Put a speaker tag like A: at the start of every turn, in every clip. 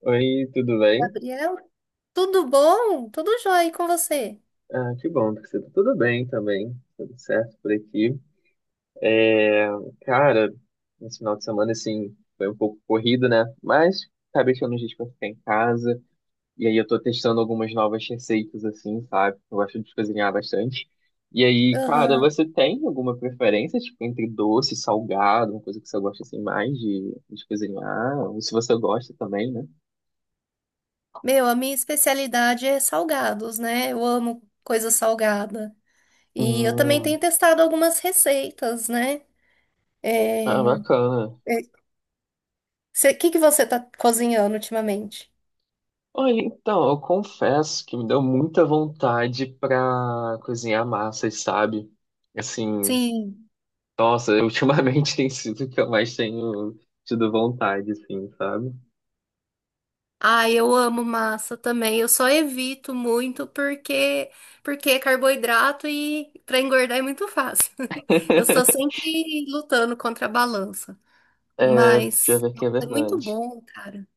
A: Oi, tudo bem?
B: Gabriel, tudo bom? Tudo jóia, e com você?
A: Ah, que bom, porque você tá tudo bem também, tudo certo por aqui. É, cara, esse final de semana, assim, foi um pouco corrido, né? Mas acabei tirando um dia pra ficar em casa, e aí eu tô testando algumas novas receitas, assim, sabe? Eu gosto de cozinhar bastante. E aí, cara,
B: Aham.
A: você tem alguma preferência, tipo, entre doce e salgado, uma coisa que você gosta, assim, mais de cozinhar? Ou se você gosta também, né?
B: Meu, a minha especialidade é salgados, né? Eu amo coisa salgada. E eu também
A: Hum,
B: tenho testado algumas receitas, né?
A: ah,
B: É...
A: bacana.
B: O que que você tá cozinhando ultimamente?
A: Olha, então, eu confesso que me deu muita vontade pra cozinhar massas, sabe? Assim,
B: Sim.
A: nossa, ultimamente tem sido o que eu mais tenho tido vontade, assim, sabe?
B: Ah, eu amo massa também. Eu só evito muito porque é carboidrato e para engordar é muito fácil. Eu estou sempre lutando contra a balança.
A: É, já
B: Mas
A: ver que
B: nossa,
A: é
B: é muito
A: verdade.
B: bom, cara.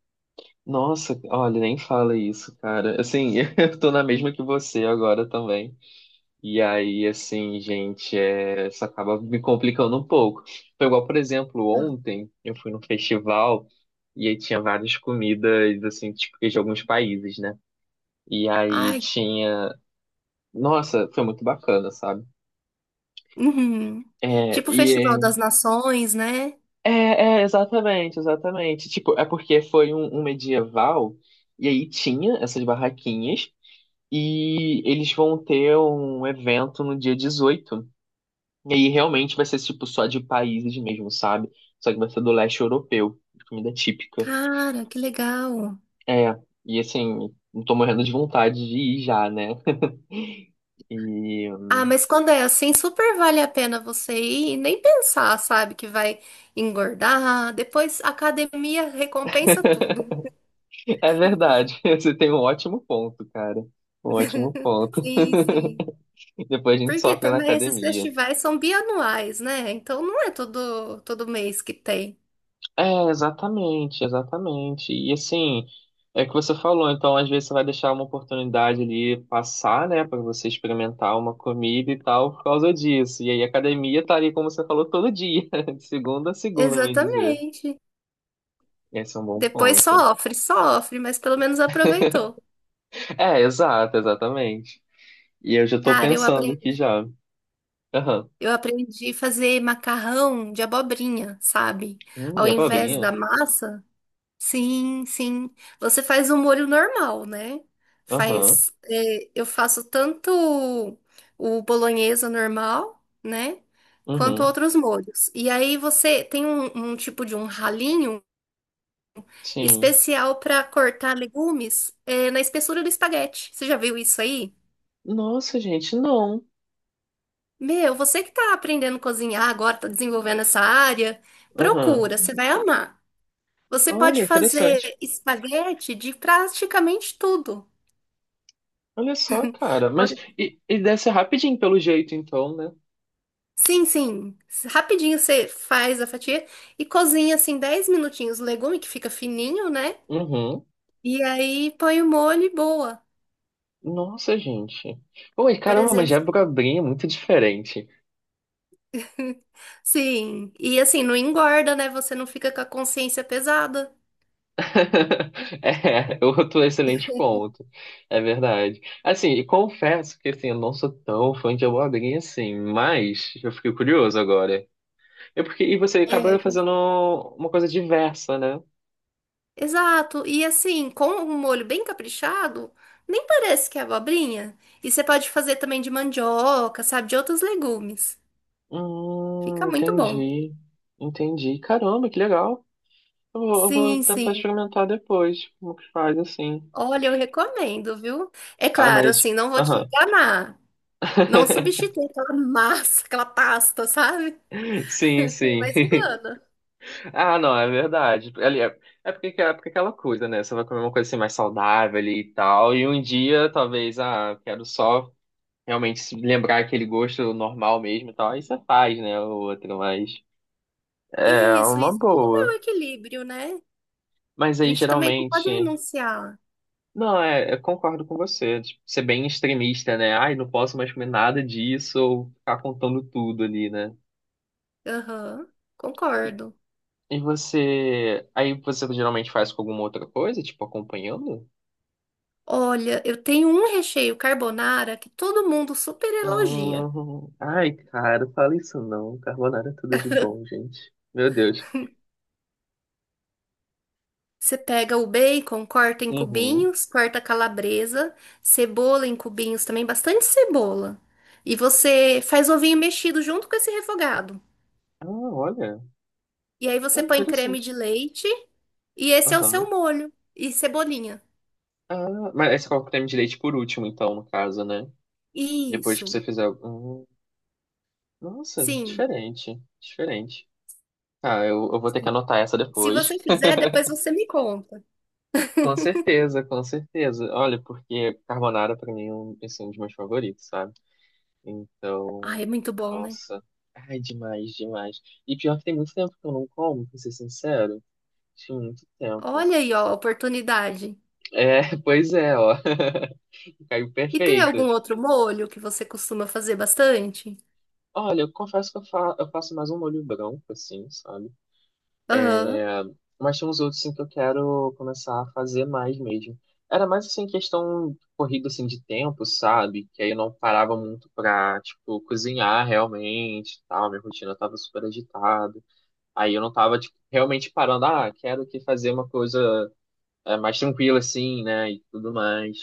A: Nossa, olha, nem fala isso, cara. Assim, eu tô na mesma que você agora também. E aí, assim, gente, isso acaba me complicando um pouco. Foi igual, por exemplo, ontem eu fui num festival e aí tinha várias comidas, assim, típicas de alguns países, né? E aí
B: Ai,
A: tinha. Nossa, foi muito bacana, sabe?
B: uhum.
A: É,
B: Tipo o Festival
A: e
B: das Nações, né?
A: é, exatamente, exatamente. Tipo, é porque foi um medieval e aí tinha essas barraquinhas e eles vão ter um evento no dia 18. E aí realmente vai ser tipo só de países mesmo, sabe? Só que vai ser do leste europeu, comida típica.
B: Cara, que legal.
A: É, e assim, não tô morrendo de vontade de ir já, né? E
B: Ah, mas quando é assim, super vale a pena você ir e nem pensar, sabe, que vai engordar. Depois a academia recompensa tudo.
A: é verdade, você tem um ótimo ponto, cara. Um ótimo ponto.
B: Sim, sim.
A: Depois a gente
B: Porque
A: sofre na
B: também esses
A: academia.
B: festivais são bianuais, né? Então não é todo mês que tem.
A: É, exatamente, exatamente. E assim, é o que você falou, então às vezes você vai deixar uma oportunidade ali passar, né, para você experimentar uma comida e tal por causa disso. E aí a academia tá ali, como você falou, todo dia, de segunda a segunda, bem dizer.
B: Exatamente.
A: Esse é um bom
B: Depois
A: ponto.
B: sofre, sofre, mas pelo menos aproveitou.
A: É, exato, exatamente. E eu já tô
B: Cara, eu
A: pensando aqui
B: aprendi,
A: já. Aham.
B: eu aprendi a fazer macarrão de abobrinha, sabe?
A: Hum,
B: Ao
A: já é
B: invés
A: abobrinha?
B: da massa, sim, sim. Você faz um molho normal, né?
A: Aham.
B: Faz, é, eu faço tanto o bolonhesa normal, né? Quanto
A: Uhum.
B: outros molhos. E aí você tem um tipo de um ralinho
A: Sim.
B: especial para cortar legumes, é, na espessura do espaguete. Você já viu isso aí?
A: Nossa, gente, não.
B: Meu, você que tá aprendendo a cozinhar agora, tá desenvolvendo essa área,
A: Aham.
B: procura, você vai amar. Você
A: Olha,
B: pode fazer
A: interessante.
B: espaguete de praticamente tudo.
A: Olha só, cara.
B: Por-
A: Mas e deve ser rapidinho pelo jeito, então, né?
B: Sim, sim. Rapidinho você faz a fatia e cozinha assim 10 minutinhos o legume que fica fininho, né?
A: Uhum.
B: E aí põe o molho e boa.
A: Nossa, gente. Oi,
B: Por
A: caramba, mas
B: exemplo,
A: Jabrabrim é muito diferente.
B: sim. E assim, não engorda, né? Você não fica com a consciência pesada.
A: É, outro excelente ponto. É verdade. Assim, e confesso que assim, eu não sou tão fã de abobrinha assim, mas eu fiquei curioso agora. É porque e você acaba
B: É,
A: fazendo uma coisa diversa, né?
B: exato. E assim, com um molho bem caprichado, nem parece que é abobrinha. E você pode fazer também de mandioca, sabe, de outros legumes.
A: Hum,
B: Fica muito bom.
A: entendi. Entendi. Caramba, que legal. Eu vou
B: Sim,
A: tentar
B: sim.
A: experimentar depois como que faz assim.
B: Olha, eu recomendo, viu? É
A: Ah,
B: claro,
A: mas.
B: assim, não vou te
A: Aham.
B: enganar. Não substitui aquela massa, aquela pasta, sabe?
A: Sim, sim.
B: Mas engana.
A: Ah, não, é verdade. Ali é porque é aquela coisa, né? Você vai comer uma coisa assim mais saudável ali e tal. E um dia, talvez, ah, quero só realmente se lembrar aquele gosto normal mesmo e tal. Aí você faz, né? O outro, mas. É
B: Isso,
A: uma
B: isso. Tudo é um
A: boa.
B: equilíbrio, né? A
A: Mas aí
B: gente também não
A: geralmente.
B: pode renunciar.
A: Não, eu concordo com você. Tipo, ser bem extremista, né? Ai, não posso mais comer nada disso ou ficar contando tudo ali, né?
B: Aham,
A: E,
B: concordo.
A: e você. Aí você geralmente faz com alguma outra coisa, tipo acompanhando?
B: Olha, eu tenho um recheio carbonara que todo mundo super elogia.
A: Ai, cara, fala isso não. Carbonara é tudo de bom, gente. Meu Deus.
B: Você pega o bacon, corta em
A: Uhum.
B: cubinhos, corta a calabresa, cebola em cubinhos também, bastante cebola. E você faz ovinho mexido junto com esse refogado.
A: Ah, olha.
B: E aí
A: Ah,
B: você põe creme de
A: interessante.
B: leite e esse é o seu
A: Aham.
B: molho e cebolinha.
A: Ah, mas aí você coloca o creme de leite por último, então, no caso, né? Depois que você
B: Isso.
A: fizer. Nossa,
B: Sim.
A: diferente. Diferente. Ah, eu vou ter que
B: Sim.
A: anotar essa
B: Se você
A: depois.
B: fizer, depois você me conta.
A: Com certeza, com certeza. Olha, porque carbonara pra mim é um, assim, um dos meus favoritos, sabe?
B: Ai, é
A: Então,
B: muito bom, né?
A: nossa. Ai, demais, demais. E pior que tem muito tempo que eu não como, pra ser sincero. Tinha muito tempo.
B: Olha aí, ó, a oportunidade.
A: É, pois é, ó. Caiu
B: E tem
A: perfeito.
B: algum outro molho que você costuma fazer bastante?
A: Olha, eu confesso que eu faço mais um molho branco, assim, sabe?
B: Aham.
A: Mas tem uns outros assim, que eu quero começar a fazer mais mesmo. Era mais assim questão corrida assim de tempo, sabe? Que aí eu não parava muito pra, tipo, cozinhar realmente, e tal, minha rotina tava super agitada. Aí eu não tava tipo realmente parando, ah, quero que fazer uma coisa mais tranquila assim, né, e tudo mais.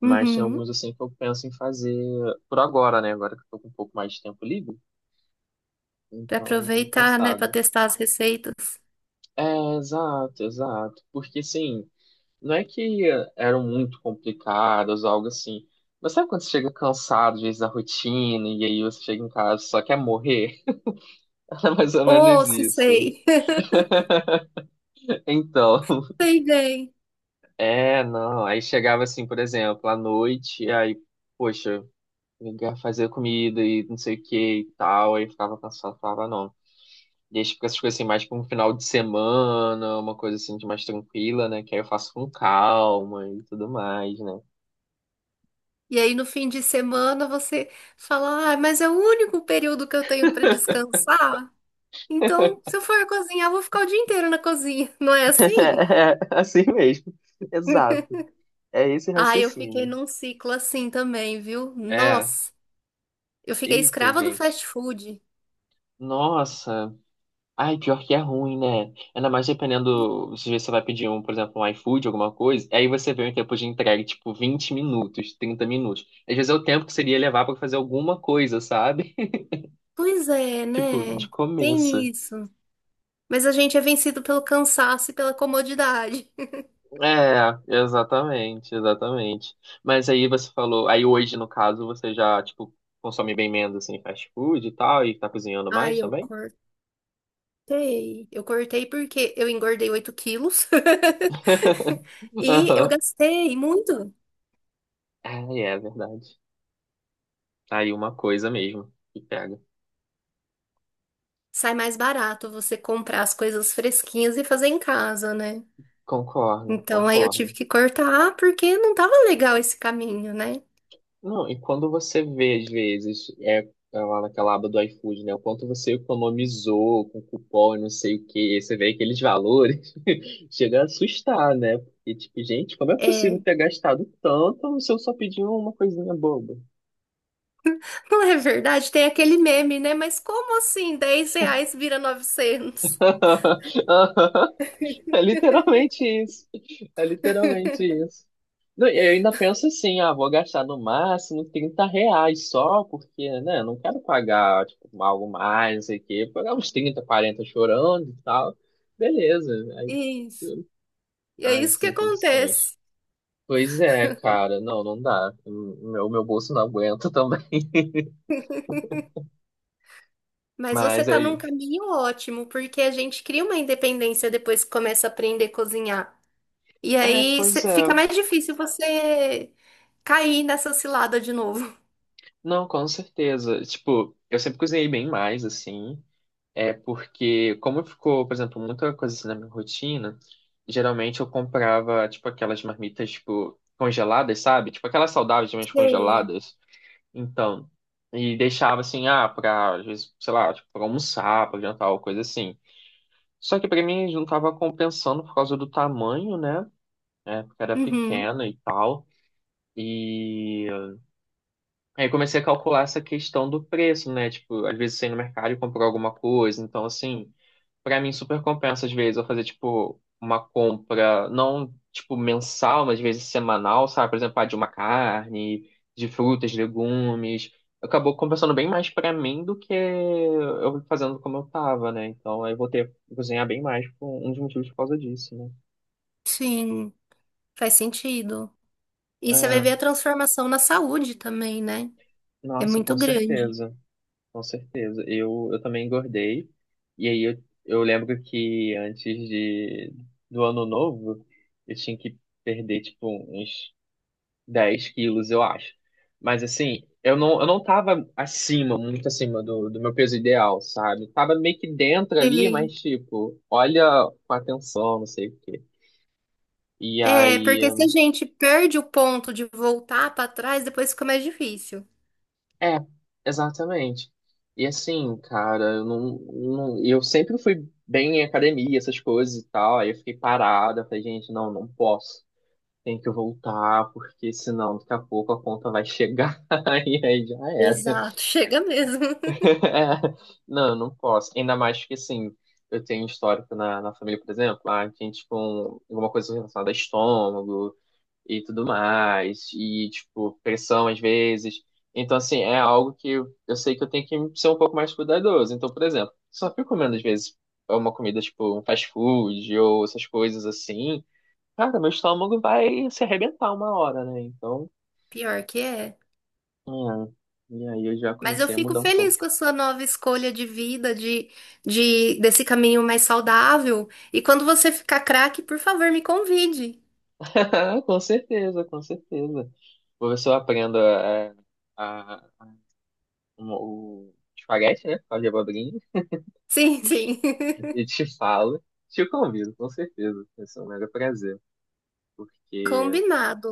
A: Mas tem alguns
B: Uhum.
A: assim que eu penso em fazer por agora, né? Agora que eu tô com um pouco mais de tempo livre,
B: Pra
A: então eu tenho
B: aproveitar, né? Pra
A: pensado.
B: testar as receitas.
A: É, exato, exato. Porque assim, não é que eram muito complicadas, algo assim. Mas sabe quando você chega cansado, às vezes, da rotina, e aí você chega em casa e só quer morrer? Era mais ou
B: Oh,
A: menos
B: se
A: isso.
B: sei.
A: Então,
B: Sei bem.
A: é, não. Aí chegava assim, por exemplo, à noite, e aí, poxa, ligar, fazer comida e não sei o que e tal, aí eu ficava cansado, falava, não. E aí fica essas coisas assim, mais pra um final de semana, uma coisa assim de mais tranquila, né? Que aí eu faço com calma e tudo mais, né?
B: E aí, no fim de semana, você fala: ah, mas é o único período que eu tenho pra descansar. Então, se eu for cozinhar, eu vou ficar o dia inteiro na cozinha. Não é assim?
A: É, assim mesmo. Exato. É esse
B: Ah, eu fiquei
A: raciocínio.
B: num ciclo assim também, viu?
A: É.
B: Nossa, eu fiquei
A: Eita,
B: escrava do
A: gente.
B: fast food.
A: Nossa. Ai, pior que é ruim, né? Ainda mais
B: E-
A: dependendo. Às vezes você vai pedir um, por exemplo, um iFood, alguma coisa. Aí você vê um tempo de entrega, tipo, 20 minutos, 30 minutos. Às vezes é o tempo que seria levar pra fazer alguma coisa, sabe?
B: Pois é,
A: Tipo, de
B: né?
A: começo.
B: Tem isso. Mas a gente é vencido pelo cansaço e pela comodidade.
A: É, exatamente, exatamente. Mas aí você falou. Aí hoje, no caso, você já, tipo, consome bem menos, assim, fast food e tal, e tá cozinhando mais
B: Ai, eu
A: também?
B: cortei. Eu cortei porque eu engordei 8 quilos e eu
A: Aham.
B: gastei muito.
A: Ah, é verdade. Tá aí uma coisa mesmo que pega.
B: Sai mais barato você comprar as coisas fresquinhas e fazer em casa, né?
A: Concordo,
B: Então aí eu tive
A: concordo.
B: que cortar porque não tava legal esse caminho, né?
A: Não, e quando você vê, às vezes, é lá naquela aba do iFood, né? O quanto você economizou com cupom e não sei o quê, você vê aqueles valores, chega a assustar, né? Porque, tipo, gente, como é possível
B: É,
A: ter gastado tanto se eu só pedi uma coisinha boba?
B: não é verdade? Tem aquele meme, né? Mas como assim R$ 10 vira 900?
A: É literalmente isso. É literalmente isso. Não, e eu ainda penso assim, ah, vou gastar no máximo R$ 30 só, porque, né, não quero pagar, tipo, algo mais, não sei o quê. Pagar uns 30, 40 chorando e tal. Beleza. Aí,
B: Isso.
A: tu-
B: E é
A: ai,
B: isso que
A: sem condições.
B: acontece.
A: Pois é, cara, não, não dá. O meu bolso não aguenta também.
B: Mas você
A: Mas
B: está num
A: aí.
B: caminho ótimo, porque a gente cria uma independência depois que começa a aprender a cozinhar. E
A: É,
B: aí
A: pois é.
B: fica mais difícil você cair nessa cilada de novo.
A: Não, com certeza. Tipo, eu sempre cozinhei bem mais, assim. É porque, como ficou, por exemplo, muita coisa assim na minha rotina, geralmente eu comprava, tipo, aquelas marmitas, tipo, congeladas, sabe? Tipo, aquelas saudáveis, mas
B: Sei.
A: congeladas. Então, e deixava assim, ah, pra, às vezes, sei lá, tipo, pra almoçar, pra jantar, ou coisa assim. Só que pra mim não tava compensando por causa do tamanho, né? É, porque era
B: Uhum,
A: pequena e tal. E aí eu comecei a calcular essa questão do preço, né? Tipo, às vezes você ia no mercado e comprou alguma coisa, então assim. Pra mim, super compensa, às vezes, eu fazer, tipo, uma compra, não, tipo, mensal, mas às vezes semanal, sabe? Por exemplo, ah, de uma carne, de frutas, legumes. Acabou compensando bem mais pra mim do que eu fazendo como eu tava, né? Então, aí eu vou ter que cozinhar bem mais por um dos motivos por causa disso, né?
B: sim, faz sentido. E você vai
A: É,
B: ver a transformação na saúde também, né? É
A: nossa,
B: muito
A: com
B: grande.
A: certeza, com certeza. Eu também engordei. E aí, eu lembro que antes do ano novo, eu tinha que perder, tipo, uns 10 quilos, eu acho. Mas assim, eu não tava acima, muito acima do meu peso ideal, sabe? Tava meio que dentro ali,
B: Sei.
A: mas tipo, olha com atenção, não sei o quê. E
B: É,
A: aí,
B: porque se a gente perde o ponto de voltar para trás, depois fica mais difícil.
A: é, exatamente. E assim, cara, eu não, não, eu sempre fui bem em academia, essas coisas e tal. Aí eu fiquei parada, falei, gente, não, não posso. Tem que voltar, porque senão daqui a pouco a conta vai chegar e aí já era.
B: Exato, chega mesmo.
A: Não, eu não posso. Ainda mais que, assim, eu tenho histórico na família, por exemplo, a gente com alguma coisa relacionada a estômago e tudo mais, e, tipo, pressão às vezes. Então, assim, é algo que eu sei que eu tenho que ser um pouco mais cuidadoso. Então, por exemplo, se eu fico comendo, às vezes, uma comida, tipo, um fast food ou essas coisas assim, cara, meu estômago vai se arrebentar uma hora, né? Então,
B: Pior que é.
A: é. E aí eu já
B: Mas eu
A: comecei a
B: fico
A: mudar um pouco.
B: feliz com a sua nova escolha de vida, de desse caminho mais saudável. E quando você ficar craque, por favor, me convide.
A: Ah, com certeza, com certeza. O professor aprenda a, o espaguete, né? Fala de abobrinha
B: Sim, sim.
A: e te fala. Te convido, com certeza. Vai ser um mega prazer, porque
B: Combinado.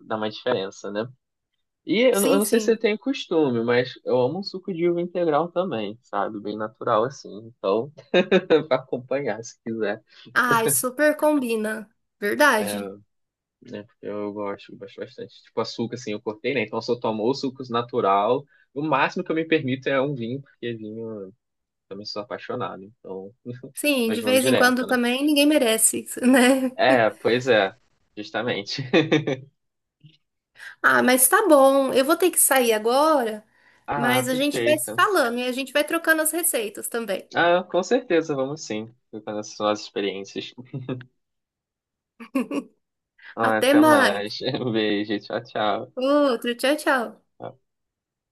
A: dá uma diferença, né? E eu
B: Sim,
A: não sei se você
B: sim.
A: tem costume, mas eu amo um suco de uva integral também, sabe? Bem natural assim. Então, pra acompanhar, se quiser.
B: Ai, super combina.
A: É,
B: Verdade.
A: né? Porque eu gosto, gosto bastante. Tipo, açúcar, assim, eu cortei, né? Então, eu só tomo o suco natural. O máximo que eu me permito é um vinho, porque vinho também sou apaixonado. Então,
B: Sim, de
A: mas não
B: vez em quando
A: direto, né?
B: também ninguém merece, né?
A: É, pois é, justamente.
B: Ah, mas tá bom. Eu vou ter que sair agora,
A: Ah,
B: mas a gente vai se
A: perfeito.
B: falando e a gente vai trocando as receitas também.
A: Ah, com certeza, vamos sim. Ficando essas nossas experiências. Ah,
B: Até
A: até
B: mais.
A: mais. Um beijo, tchau, tchau.
B: Outro, tchau, tchau.